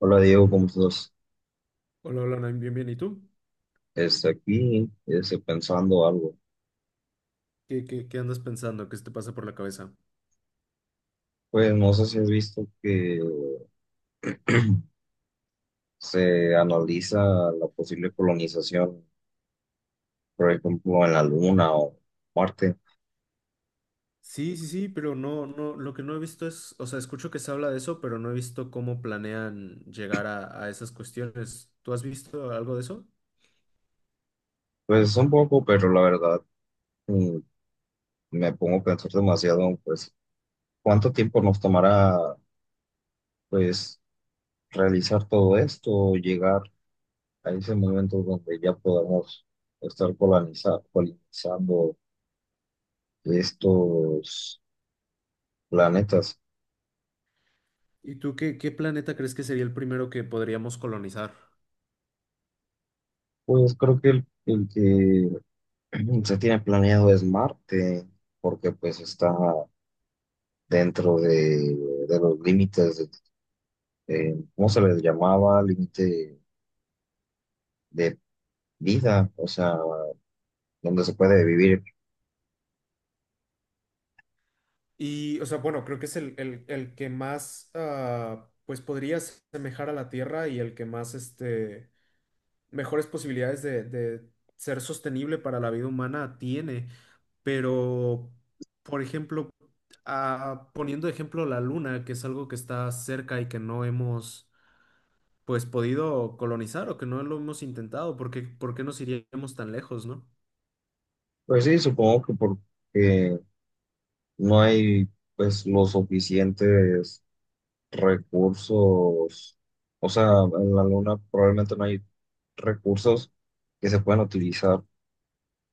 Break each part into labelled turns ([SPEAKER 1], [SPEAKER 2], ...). [SPEAKER 1] Hola Diego, ¿cómo estás?
[SPEAKER 2] Hola, hola, Naim, bien, bien. ¿Y tú?
[SPEAKER 1] Aquí pensando algo.
[SPEAKER 2] ¿Qué andas pensando? ¿Qué se te pasa por la cabeza?
[SPEAKER 1] Pues no sé si has visto que se analiza la posible colonización, por ejemplo, en la Luna o Marte.
[SPEAKER 2] Sí, sí, sí, pero no, no, lo que no he visto es, o sea, escucho que se habla de eso, pero no he visto cómo planean llegar a esas cuestiones. ¿Tú has visto algo de eso?
[SPEAKER 1] Pues un poco, pero la verdad mm, me pongo a pensar demasiado, pues, ¿cuánto tiempo nos tomará, pues, realizar todo esto, o llegar a ese momento donde ya podamos estar colonizando estos planetas?
[SPEAKER 2] ¿Y tú qué planeta crees que sería el primero que podríamos colonizar?
[SPEAKER 1] Pues creo que el que se tiene planeado es Marte, porque pues está dentro de los límites, de, ¿cómo se les llamaba? Límite de vida, o sea, donde se puede vivir.
[SPEAKER 2] Y, o sea, bueno, creo que es el que más, ah, pues podría asemejar a la Tierra y el que más, este, mejores posibilidades de ser sostenible para la vida humana tiene, pero, por ejemplo, ah, poniendo de ejemplo la Luna, que es algo que está cerca y que no hemos, pues, podido colonizar o que no lo hemos intentado, porque, ¿por qué nos iríamos tan lejos, no?
[SPEAKER 1] Pues sí, supongo que porque no hay pues los suficientes recursos, o sea, en la Luna probablemente no hay recursos que se puedan utilizar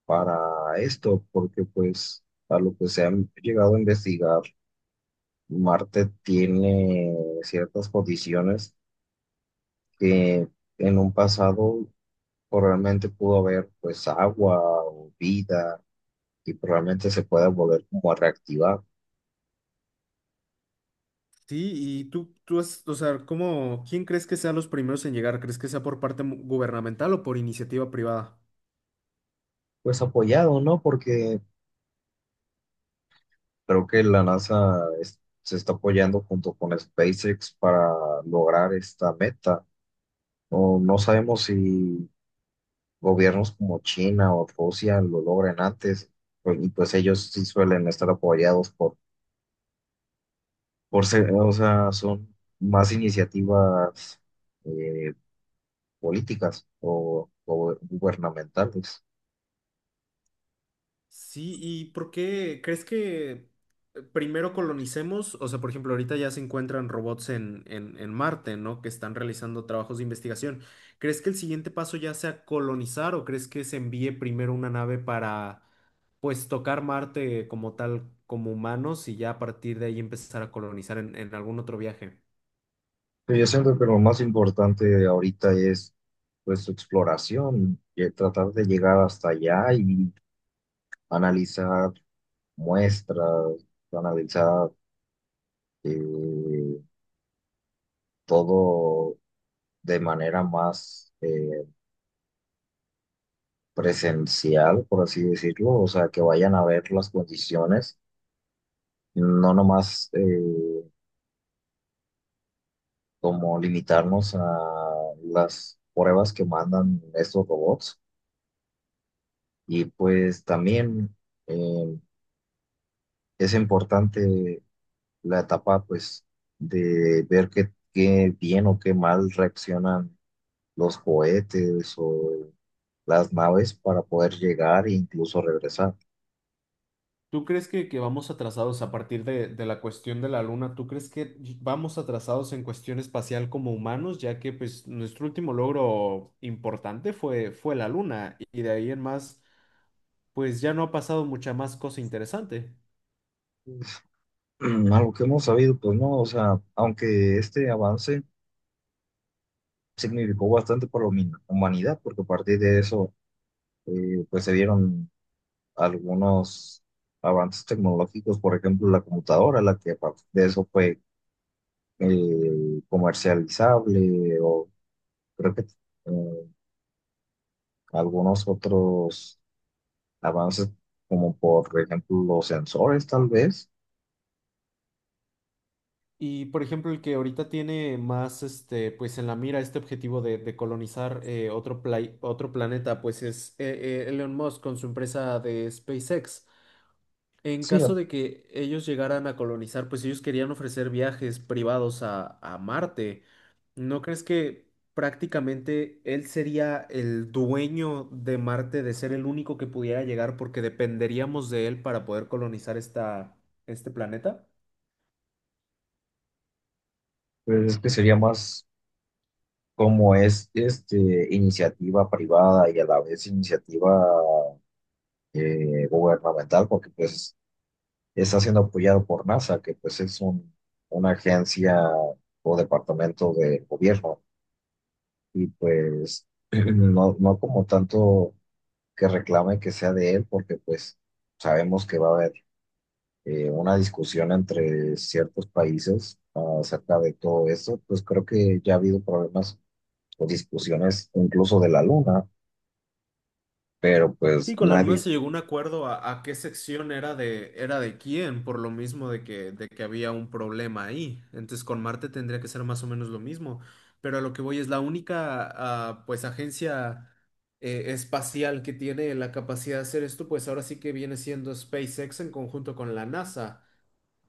[SPEAKER 1] para esto, porque pues a lo que se han llegado a investigar, Marte tiene ciertas condiciones que en un pasado probablemente pudo haber pues agua o vida y probablemente se pueda volver como a reactivar.
[SPEAKER 2] Sí, y tú has, o sea, ¿cómo, quién crees que sean los primeros en llegar? ¿Crees que sea por parte mu- gubernamental o por iniciativa privada?
[SPEAKER 1] Pues apoyado, ¿no? Porque creo que se está apoyando junto con SpaceX para lograr esta meta. O no sabemos si gobiernos como China o Rusia lo logran antes, pues, y pues ellos sí suelen estar apoyados por ser, o sea, son más iniciativas eh, políticas o gubernamentales.
[SPEAKER 2] Sí, ¿y por qué crees que primero colonicemos? O sea, por ejemplo, ahorita ya se encuentran robots en Marte, ¿no? Que están realizando trabajos de investigación. ¿Crees que el siguiente paso ya sea colonizar o crees que se envíe primero una nave para, pues, tocar Marte como tal, como humanos y ya a partir de ahí empezar a colonizar en algún otro viaje?
[SPEAKER 1] Pero yo siento que lo más importante ahorita es pues su exploración, y tratar de llegar hasta allá y analizar muestras, analizar eh, todo de manera más, presencial, por así decirlo, o sea, que vayan a ver las condiciones, no nomás como limitarnos a las pruebas que mandan estos robots. Y pues también eh, es importante la etapa, pues, de ver qué, qué bien o qué mal reaccionan los cohetes o las naves para poder llegar e incluso regresar.
[SPEAKER 2] ¿Tú crees que vamos atrasados a partir de la cuestión de la Luna? ¿Tú crees que vamos atrasados en cuestión espacial como humanos, ya que pues nuestro último logro importante fue la Luna y de ahí en más pues ya no ha pasado mucha más cosa interesante?
[SPEAKER 1] Algo que hemos sabido, pues no, o sea, aunque este avance significó bastante para la humanidad, porque a partir de eso, pues se vieron algunos avances tecnológicos, por ejemplo, la computadora, la que a partir de eso fue comercializable, o creo que algunos otros avances, como por ejemplo los sensores, tal vez.
[SPEAKER 2] Y por ejemplo el que ahorita tiene más este pues en la mira este objetivo de colonizar otro, play- otro planeta pues es Elon Musk con su empresa de SpaceX. En
[SPEAKER 1] Sí,
[SPEAKER 2] caso de que ellos llegaran a colonizar, pues ellos querían ofrecer viajes privados a Marte. ¿No crees que prácticamente él sería el dueño de Marte, de ser el único que pudiera llegar porque dependeríamos de él para poder colonizar esta, este planeta?
[SPEAKER 1] pues es que sería más como es este, iniciativa privada y a la vez iniciativa gubernamental, porque pues está siendo apoyado por NASA, que pues es un, una agencia o departamento del gobierno, y pues no, no como tanto que reclame que sea de él, porque pues sabemos que va a haber una discusión entre ciertos países acerca de todo esto, pues creo que ya ha habido problemas o discusiones incluso de la Luna, pero pues
[SPEAKER 2] Sí, con la Luna
[SPEAKER 1] nadie,
[SPEAKER 2] se llegó a un acuerdo a qué sección era de quién, por lo mismo de que había un problema ahí. Entonces con Marte tendría que ser más o menos lo mismo. Pero a lo que voy es la única ah, pues agencia espacial que tiene la capacidad de hacer esto, pues ahora sí que viene siendo SpaceX en conjunto con la NASA.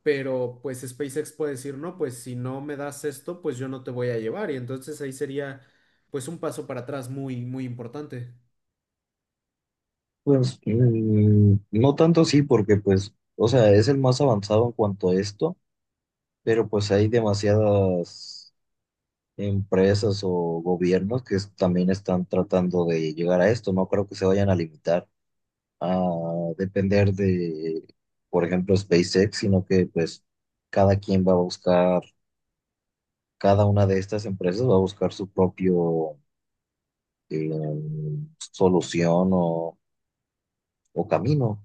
[SPEAKER 2] Pero pues SpaceX puede decir, no, pues si no me das esto, pues yo no te voy a llevar. Y entonces ahí sería pues un paso para atrás muy, muy importante.
[SPEAKER 1] pues no tanto sí, porque pues, o sea, es el más avanzado en cuanto a esto, pero pues hay demasiadas empresas o gobiernos también están tratando de llegar a esto. No creo que se vayan a limitar a depender de, por ejemplo, SpaceX, sino que pues cada quien va a buscar, cada una de estas empresas va a buscar su propio solución o camino.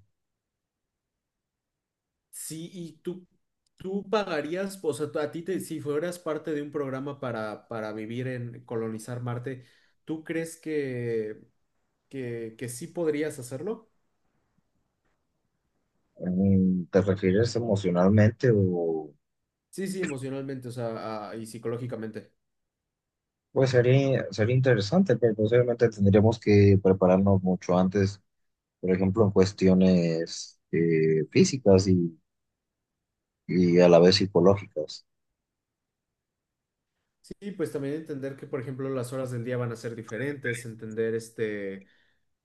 [SPEAKER 2] Sí, y tú pagarías, o sea, a ti te, si fueras parte de un programa para vivir en colonizar Marte, ¿tú crees que sí podrías hacerlo?
[SPEAKER 1] ¿Te refieres emocionalmente o...?
[SPEAKER 2] Sí, sí, emocionalmente, o sea, ah, y psicológicamente.
[SPEAKER 1] Pues sería, sería interesante, pero posiblemente tendríamos que prepararnos mucho antes, por ejemplo, en cuestiones físicas y a la vez psicológicas.
[SPEAKER 2] Sí, pues también entender que, por ejemplo, las horas del día van a ser diferentes, entender este,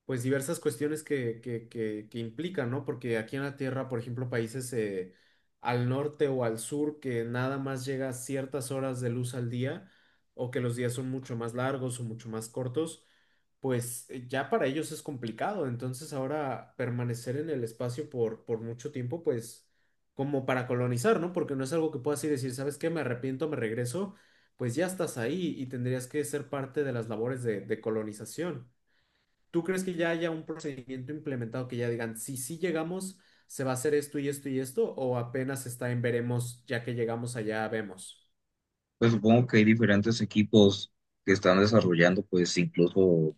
[SPEAKER 2] pues diversas cuestiones que implican, ¿no? Porque aquí en la Tierra, por ejemplo, países al norte o al sur que nada más llega ciertas horas de luz al día, o que los días son mucho más largos o mucho más cortos, pues ya para ellos es complicado. Entonces ahora permanecer en el espacio por mucho tiempo, pues como para colonizar, ¿no? Porque no es algo que puedas ir y decir, ¿sabes qué? Me arrepiento, me regreso pues ya estás ahí y tendrías que ser parte de las labores de colonización. ¿Tú crees que ya haya un procedimiento implementado que ya digan, si sí llegamos, se va a hacer esto y esto y esto, o apenas está en veremos, ya que llegamos allá, vemos?
[SPEAKER 1] Pues supongo que hay diferentes equipos que están desarrollando, pues incluso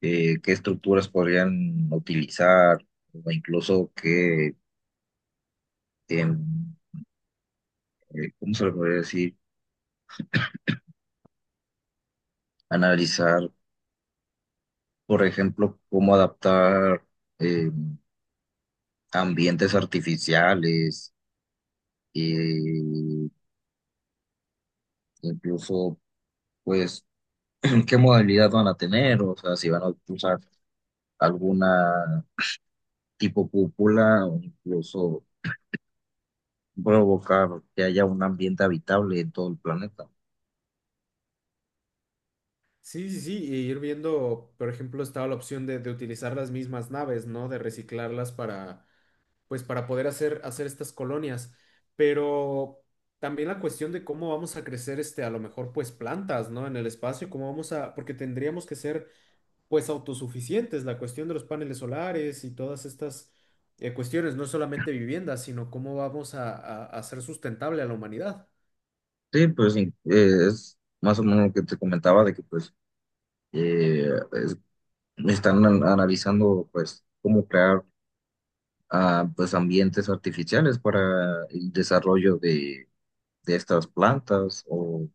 [SPEAKER 1] qué estructuras podrían utilizar, o incluso qué, em, ¿cómo se le podría decir? Analizar, por ejemplo, cómo adaptar eh, ambientes artificiales, eh, incluso, pues, qué modalidad van a tener, o sea, si van a usar alguna tipo cúpula o incluso provocar que haya un ambiente habitable en todo el planeta.
[SPEAKER 2] Sí, sí, sí, y ir viendo, por ejemplo, estaba la opción de utilizar las mismas naves, ¿no? De reciclarlas para, pues, para poder hacer, hacer estas colonias. Pero también la cuestión de cómo vamos a crecer, este, a lo mejor, pues, plantas, ¿no? En el espacio, cómo vamos a, porque tendríamos que ser pues autosuficientes. La cuestión de los paneles solares y todas estas cuestiones, no solamente viviendas, sino cómo vamos a hacer sustentable a la humanidad.
[SPEAKER 1] Sí, pues sí, es más o menos lo que te comentaba de que pues eh, es- están analizando pues cómo crear ah, pues ambientes artificiales para el desarrollo de estas plantas o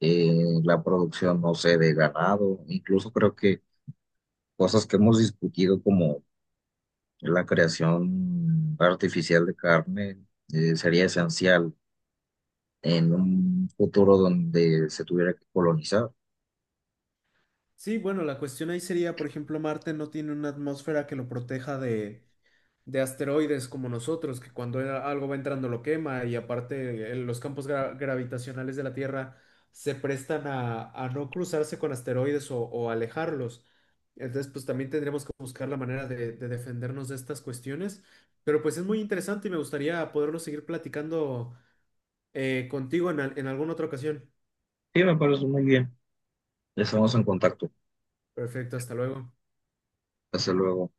[SPEAKER 1] eh, la producción, no sé, de ganado, incluso creo que cosas que hemos discutido como la creación artificial de carne sería esencial en un futuro donde se tuviera que colonizar.
[SPEAKER 2] Sí, bueno, la cuestión ahí sería, por ejemplo, Marte no tiene una atmósfera que lo proteja de asteroides como nosotros, que cuando era- algo va entrando lo quema y aparte los campos gra- gravitacionales de la Tierra se prestan a no cruzarse con asteroides o alejarlos. Entonces, pues también tendríamos que buscar la manera de defendernos de estas cuestiones. Pero pues es muy interesante y me gustaría poderlo seguir platicando contigo en al- en alguna otra ocasión.
[SPEAKER 1] Sí, me parece muy bien. Estamos en contacto.
[SPEAKER 2] Perfecto, hasta luego.
[SPEAKER 1] Hasta luego.